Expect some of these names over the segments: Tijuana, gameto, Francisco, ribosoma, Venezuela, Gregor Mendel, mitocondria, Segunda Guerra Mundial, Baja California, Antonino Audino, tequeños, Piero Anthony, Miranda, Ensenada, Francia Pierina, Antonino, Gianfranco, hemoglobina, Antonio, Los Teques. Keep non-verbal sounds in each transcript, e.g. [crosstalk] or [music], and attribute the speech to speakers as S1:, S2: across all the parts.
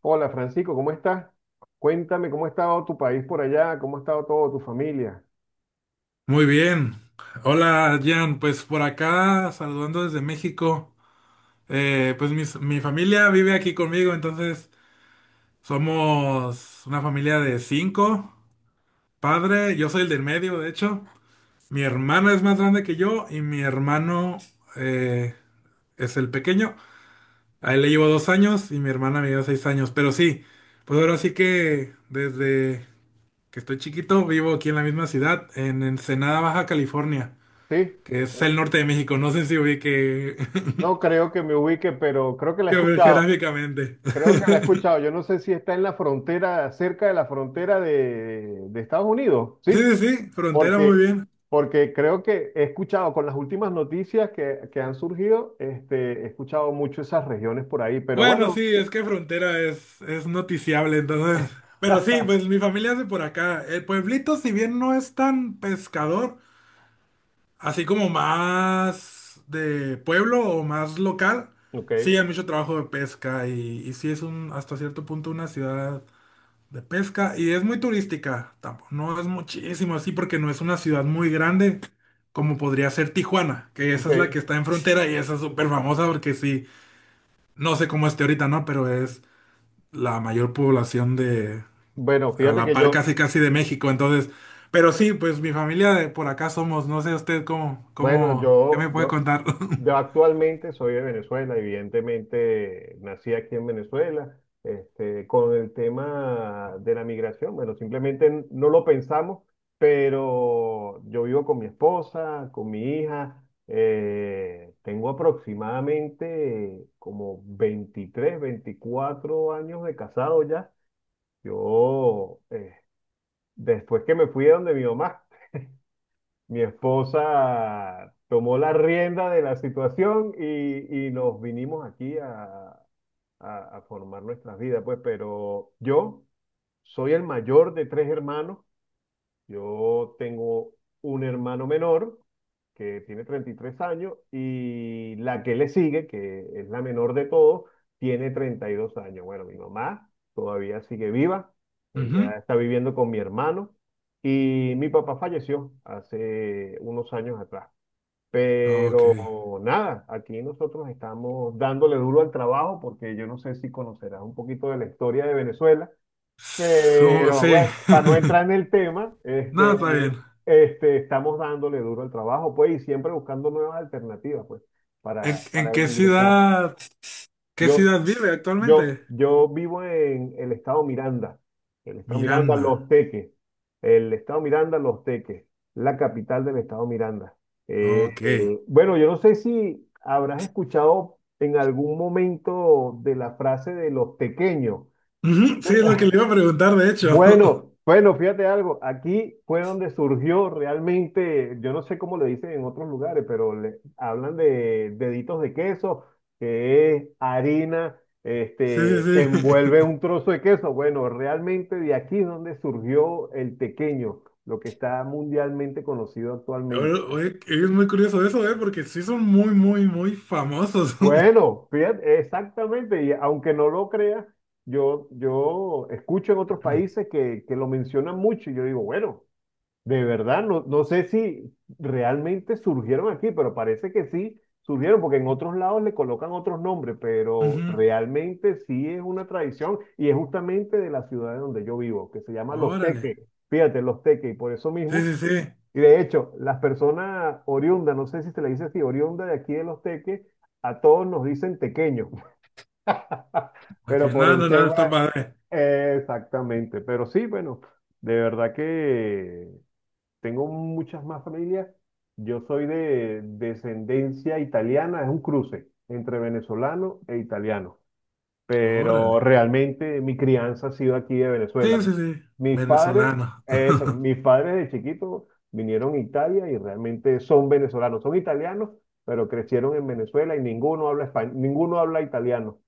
S1: Hola Francisco, ¿cómo estás? Cuéntame cómo ha estado tu país por allá, cómo ha estado toda tu familia.
S2: Muy bien. Hola, Jan. Pues por acá, saludando desde México. Pues mi familia vive aquí conmigo, entonces somos una familia de cinco. Padre, yo soy el del medio, de hecho. Mi hermana es más grande que yo y mi hermano eh, es el pequeño. A él le llevo 2 años y mi hermana me lleva 6 años. Pero sí, pues ahora sí que desde que estoy chiquito vivo aquí en la misma ciudad, en Ensenada, Baja California,
S1: Sí,
S2: que es el norte de México. No sé si ubique
S1: no
S2: [laughs]
S1: creo que me ubique, pero creo que la he escuchado.
S2: geográficamente.
S1: Creo que la he escuchado. Yo no sé si está en la frontera, cerca de la frontera de Estados Unidos, ¿sí?
S2: Sí, sí, sí, frontera muy
S1: Porque,
S2: bien.
S1: porque creo que he escuchado con las últimas noticias que han surgido, este, he escuchado mucho esas regiones por ahí, pero
S2: Bueno,
S1: bueno.
S2: sí, es que frontera es noticiable, entonces. Pero sí, pues
S1: [laughs]
S2: mi familia es de por acá. El pueblito, si bien no es tan pescador, así como más de pueblo o más local,
S1: Ok,
S2: sí hay mucho trabajo de pesca y sí es un, hasta cierto punto, una ciudad de pesca y es muy turística, tampoco, no es muchísimo así porque no es una ciudad muy grande, como podría ser Tijuana, que esa es la que
S1: ok.
S2: está en frontera y esa es súper famosa porque sí, no sé cómo esté ahorita, ¿no? Pero es la mayor población de,
S1: Bueno,
S2: a
S1: fíjate
S2: la
S1: que
S2: par
S1: yo,
S2: casi casi de México, entonces, pero sí, pues mi familia de por acá somos, no sé usted cómo,
S1: Bueno,
S2: ¿qué
S1: yo,
S2: me puede
S1: yo,
S2: contar? [laughs]
S1: yo actualmente soy de Venezuela, evidentemente nací aquí en Venezuela. Este, con el tema de la migración, bueno, simplemente no lo pensamos, pero yo vivo con mi esposa, con mi hija. Tengo aproximadamente como 23, 24 años de casado ya. Yo, después que me fui de donde mi mamá, mi esposa tomó la rienda de la situación y nos vinimos aquí a, a formar nuestras vidas, pues, pero yo soy el mayor de tres hermanos. Yo tengo un hermano menor que tiene 33 años, y la que le sigue, que es la menor de todos, tiene 32 años. Bueno, mi mamá todavía sigue viva, ella
S2: Ujú.
S1: está viviendo con mi hermano y mi papá falleció hace unos años atrás.
S2: Ok.
S1: Pero nada, aquí nosotros estamos dándole duro al trabajo porque yo no sé si conocerás un poquito de la historia de Venezuela,
S2: So-
S1: pero bueno,
S2: sí.
S1: para no
S2: [laughs]
S1: entrar en el tema,
S2: Nada,
S1: este,
S2: está bien.
S1: este, estamos dándole duro al trabajo, pues, y siempre buscando nuevas alternativas, pues,
S2: ¿En,
S1: para,
S2: en
S1: para
S2: qué
S1: ingresar.
S2: ciudad? ¿Qué
S1: Yo,
S2: ciudad vive
S1: yo,
S2: actualmente?
S1: yo vivo en el estado Miranda, Los
S2: Miranda.
S1: Teques, el estado Miranda, Los Teques, la capital del estado Miranda.
S2: Ok.
S1: Bueno, yo no sé si habrás escuchado en algún momento de la frase de los tequeños.
S2: Ujú, sí, es lo que le iba a preguntar, de hecho. [laughs]
S1: Bueno, bueno, fíjate algo, aquí fue donde surgió realmente, yo no sé cómo le dicen en otros lugares, pero le hablan de deditos de queso, que es harina,
S2: Sí,
S1: este, que
S2: sí, sí.
S1: envuelve
S2: [laughs]
S1: un trozo de queso. Bueno, realmente de aquí es donde surgió el tequeño, lo que está mundialmente conocido
S2: Oye,
S1: actualmente.
S2: oye, es muy curioso eso, ¿eh? Porque sí son muy, muy, muy famosos. [laughs]
S1: Bueno, fíjate, exactamente, y aunque no lo creas, yo escucho en otros países que lo mencionan mucho y yo digo, bueno. De verdad, no, no sé si realmente surgieron aquí, pero parece que sí surgieron, porque en otros lados le colocan otros nombres, pero
S2: Ujú,
S1: realmente sí es una tradición y es justamente de la ciudad de donde yo vivo, que se llama Los
S2: órale.
S1: Teques. Fíjate, Los Teques, y por eso
S2: Sí,
S1: mismo.
S2: sí, sí.
S1: Y de hecho, las personas oriundas, no sé si se le dice así, oriunda de aquí de Los Teques, a todos nos dicen tequeños, [laughs]
S2: Ok,
S1: pero por
S2: nada,
S1: el
S2: no, nada,
S1: tema,
S2: está padre.
S1: exactamente, pero sí, bueno. De verdad que tengo muchas más familias. Yo soy de descendencia italiana, es un cruce entre venezolano e italiano, pero
S2: Órale.
S1: realmente mi crianza ha sido aquí de Venezuela.
S2: Sí, sí, sí.
S1: Mis padres,
S2: Venezolano. [laughs]
S1: eso, mis padres de chiquito vinieron a Italia y realmente son venezolanos, son italianos, pero crecieron en Venezuela y ninguno habla español, ninguno habla italiano.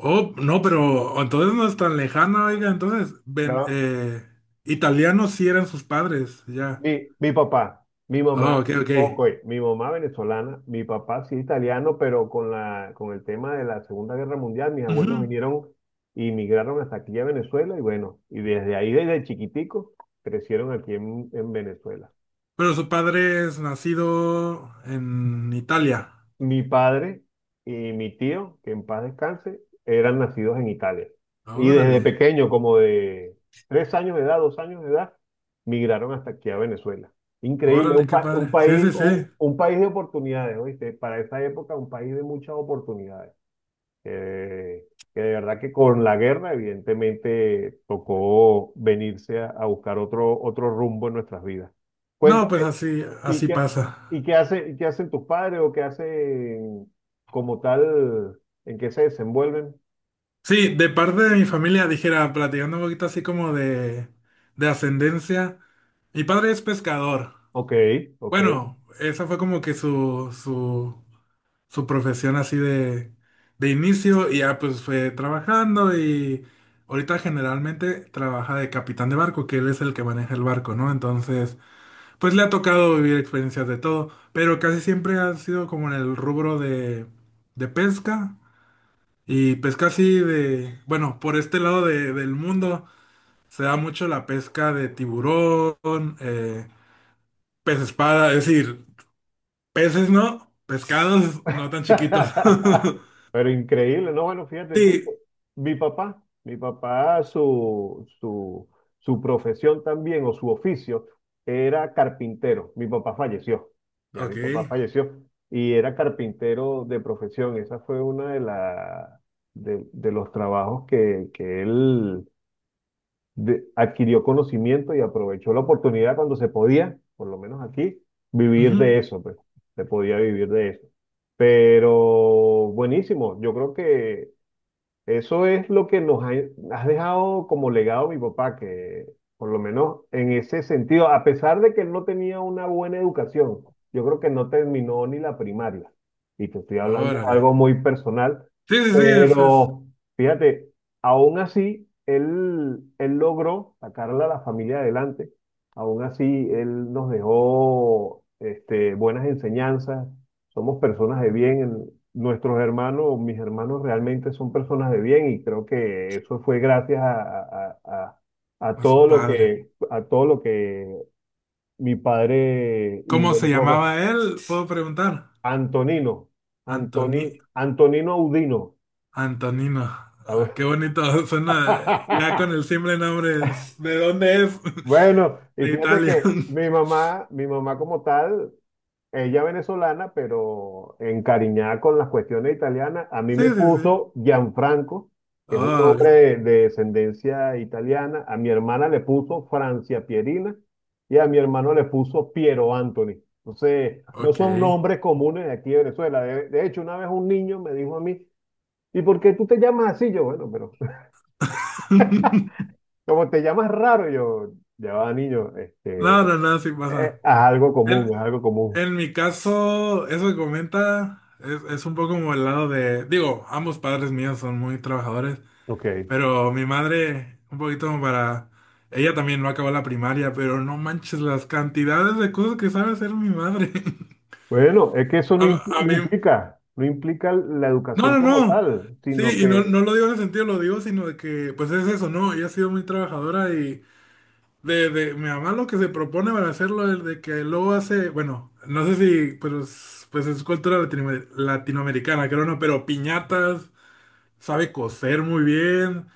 S2: Oh, no, pero entonces no es tan lejana, oiga. Entonces, ven,
S1: Nada-
S2: italianos sí eran sus padres, ya.
S1: mi papá, mi
S2: Oh,
S1: mamá,
S2: ok, ok.
S1: ok, mi mamá venezolana, mi papá sí italiano, pero con con el tema de la Segunda Guerra Mundial, mis abuelos
S2: Ujú.
S1: vinieron y migraron hasta aquí a Venezuela y bueno, y desde ahí, desde chiquitico, crecieron aquí en Venezuela.
S2: Pero su padre es nacido en Italia.
S1: Mi padre y mi tío, que en paz descanse, eran nacidos en Italia. Y desde
S2: Órale,
S1: pequeño, como de 3 años de edad, 2 años de edad, migraron hasta aquí a Venezuela. Increíble,
S2: órale, qué
S1: un
S2: padre. Sí,
S1: país,
S2: sí, sí.
S1: un país de oportunidades, ¿oíste? Para esa época, un país de muchas oportunidades. Eh, que de verdad que con la guerra, evidentemente, tocó venirse a buscar otro rumbo en nuestras vidas.
S2: No, pues
S1: Cuéntame,
S2: así,
S1: ¿Y
S2: así
S1: qué, y
S2: pasa.
S1: qué hace, qué hacen tus padres o qué hacen como tal, ¿en qué se desenvuelven?
S2: Sí, de parte de mi familia, dijera, platicando un poquito así como de ascendencia. Mi padre es pescador.
S1: Ok, ok.
S2: Bueno, esa fue como que su profesión así de inicio, y ya pues fue trabajando y ahorita generalmente trabaja de capitán de barco, que él es el que maneja el barco, ¿no? Entonces… Pues le ha tocado vivir experiencias de todo, pero casi siempre ha sido como en el rubro de pesca, y pesca así de, bueno, por este lado del mundo se da mucho la pesca de tiburón, pez espada, es decir, peces no, pescados no tan chiquitos.
S1: [laughs]
S2: [laughs]
S1: Pero increíble, ¿no? Bueno, fíjate tú,
S2: Sí,
S1: mi papá, su profesión también o su oficio era carpintero. Mi papá falleció, ya mi
S2: ok.
S1: papá falleció y era carpintero de profesión. Esa fue una de, la, de los trabajos que él adquirió conocimiento y aprovechó la oportunidad cuando se podía, por lo menos aquí, vivir de
S2: Ujú,
S1: eso, pues, se podía vivir de eso. Pero buenísimo, yo creo que eso es lo que nos ha, has dejado como legado mi papá, que por lo menos en ese sentido, a pesar de que él no tenía una buena educación, yo creo que no terminó ni la primaria. Y te estoy hablando de
S2: órale.
S1: algo muy personal,
S2: Sí, sí, sí, ese es
S1: pero fíjate, aún así, él logró sacarle a la familia adelante. Aún así, él nos dejó este, buenas enseñanzas. Somos personas de bien. Nuestros hermanos, mis hermanos realmente son personas de bien, y creo que eso fue gracias a, a
S2: a su
S1: todo lo
S2: padre.
S1: que mi padre
S2: ¿Cómo se
S1: involucró, pues.
S2: llamaba él? ¿Puedo preguntar?
S1: Antonino,
S2: Antonio.
S1: Antonino Audino.
S2: Antonino. Ah, qué
S1: [laughs]
S2: bonito. [laughs] Suena ya con el simple nombre. ¿De dónde es?
S1: Bueno,
S2: [laughs]
S1: y
S2: De
S1: fíjate
S2: Italia.
S1: que mi
S2: [laughs]
S1: mamá, mi mamá como tal, ella venezolana, pero encariñada con las cuestiones italianas, a mí
S2: Sí,
S1: me
S2: sí, sí.
S1: puso Gianfranco, que es un
S2: Ah,
S1: hombre de descendencia italiana, a mi hermana le puso Francia Pierina y a mi hermano le puso Piero Anthony. Entonces, no
S2: ok.
S1: son nombres comunes de aquí de Venezuela. De hecho, una vez un niño me dijo a mí, ¿y por qué tú te llamas así? Yo, bueno, pero
S2: [laughs]
S1: [laughs] como te llamas raro, yo, ya va, niño, este,
S2: No, no, no, sí pasa.
S1: haz algo común,
S2: En,
S1: es algo común.
S2: en mi caso, eso que comenta es un poco como el lado de, digo, ambos padres míos son muy trabajadores,
S1: Ok.
S2: pero mi madre, un poquito como para, ella también no acabó la primaria, pero no manches las cantidades de cosas que sabe hacer mi madre. [laughs]
S1: Bueno, es que eso
S2: A, a
S1: no
S2: mí.
S1: implica, no implica la
S2: No,
S1: educación
S2: no,
S1: como
S2: no.
S1: tal,
S2: Sí,
S1: sino
S2: y no,
S1: que,
S2: no lo digo en ese sentido, lo digo, sino de que, pues es eso, ¿no? Ella ha sido muy trabajadora y mi mamá lo que se propone para hacerlo es de que luego hace, bueno, no sé si, pero pues es cultura latinoamericana, creo, no, pero piñatas, sabe coser muy bien,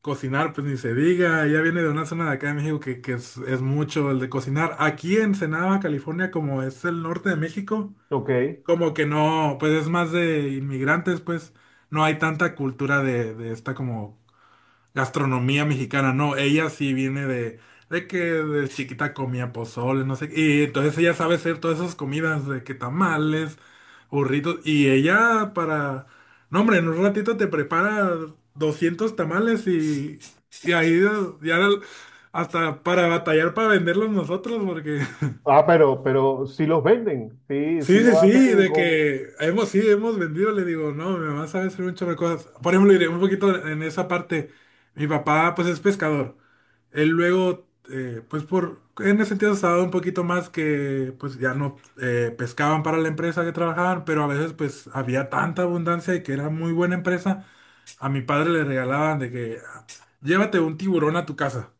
S2: cocinar, pues ni se diga, ella viene de una zona de acá de México que es mucho el de cocinar. Aquí en Ensenada, California, como es el norte de México.
S1: ok,
S2: Como que no, pues es más de inmigrantes, pues no hay tanta cultura de esta como gastronomía mexicana, no, ella sí viene de que de chiquita comía pozole, no sé, y entonces ella sabe hacer todas esas comidas de que tamales, burritos, y ella para, no hombre, en un ratito te prepara 200 tamales y ahí ya hasta para batallar para venderlos nosotros, porque.
S1: ah, pero si los venden, sí,
S2: Sí,
S1: si
S2: sí,
S1: lo
S2: sí,
S1: hacen
S2: de
S1: con,
S2: que hemos, sí, hemos vendido, le digo, no, mi mamá sabe hacer un chorro de cosas. Por ejemplo, iré un poquito en esa parte, mi papá pues es pescador. Él luego, pues por, en ese sentido estaba un poquito más, que pues ya no pescaban para la empresa que trabajaban, pero a veces pues había tanta abundancia y que era muy buena empresa, a mi padre le regalaban de que llévate un tiburón a tu casa.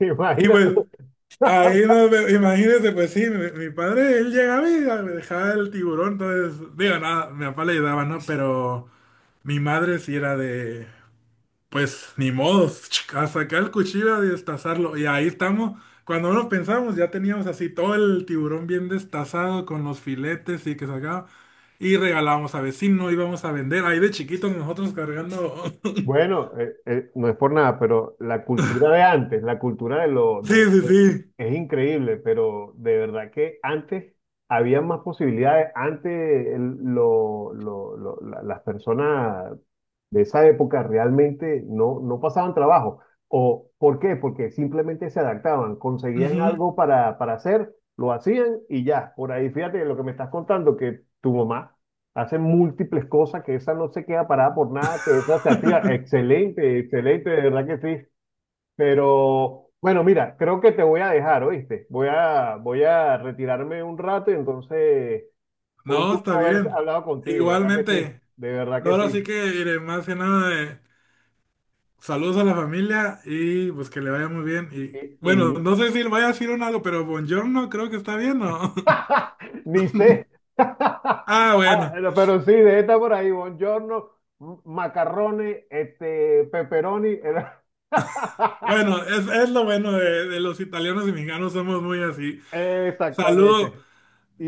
S1: [laughs]
S2: Y
S1: imagínate.
S2: pues ahí no, imagínese, pues sí, mi padre, él llegaba y me dejaba el tiburón, entonces, digo, nada, mi papá le ayudaba, ¿no? Pero mi madre sí era de, pues, ni modos, [laughs] [tsk] a sacar el cuchillo a destazarlo, y ahí estamos, cuando nos pensamos, ya teníamos así todo el tiburón bien destazado con los filetes y que sacaba, y regalábamos a vecino, íbamos a vender, ahí de chiquitos nosotros cargando. [laughs]
S1: Bueno, no es por nada, pero la cultura de antes, la cultura de lo
S2: Sí, sí,
S1: de-
S2: sí.
S1: es increíble, pero de verdad que antes había más posibilidades. Antes las personas de esa época realmente no pasaban trabajo. ¿O por qué? Porque simplemente se adaptaban, conseguían
S2: Ujú.
S1: algo para hacer, lo hacían y ya. Por ahí, fíjate lo que me estás contando, que tu mamá hace múltiples cosas, que esa no se queda parada por nada, que esa se activa. Excelente, excelente, de verdad que sí. Pero bueno, mira, creo que te voy a dejar, ¿oíste? Voy a retirarme un rato y entonces fue un
S2: No,
S1: gusto
S2: está
S1: haber
S2: bien,
S1: hablado contigo, de verdad que sí,
S2: igualmente.
S1: de verdad que
S2: Ahora sí
S1: sí.
S2: que iré más que nada de saludos a la familia y pues que le vaya muy bien. Y
S1: Y,
S2: bueno,
S1: y-
S2: no sé si le vaya a decir un algo, pero buongiorno creo que está bien, ¿no? [laughs]
S1: [laughs] ni sé. [laughs]
S2: Ah,
S1: Ah,
S2: bueno.
S1: no, pero sí, de esta por ahí, buongiorno, macarrones, este, pepperoni. [laughs]
S2: Bueno, es lo bueno de los italianos y mexicanos, somos muy así. Saludo,
S1: Exactamente.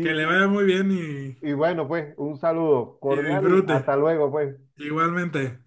S2: que le vaya muy bien y,
S1: Y bueno, pues un saludo
S2: y
S1: cordial y hasta
S2: disfrute.
S1: luego, pues.
S2: Igualmente.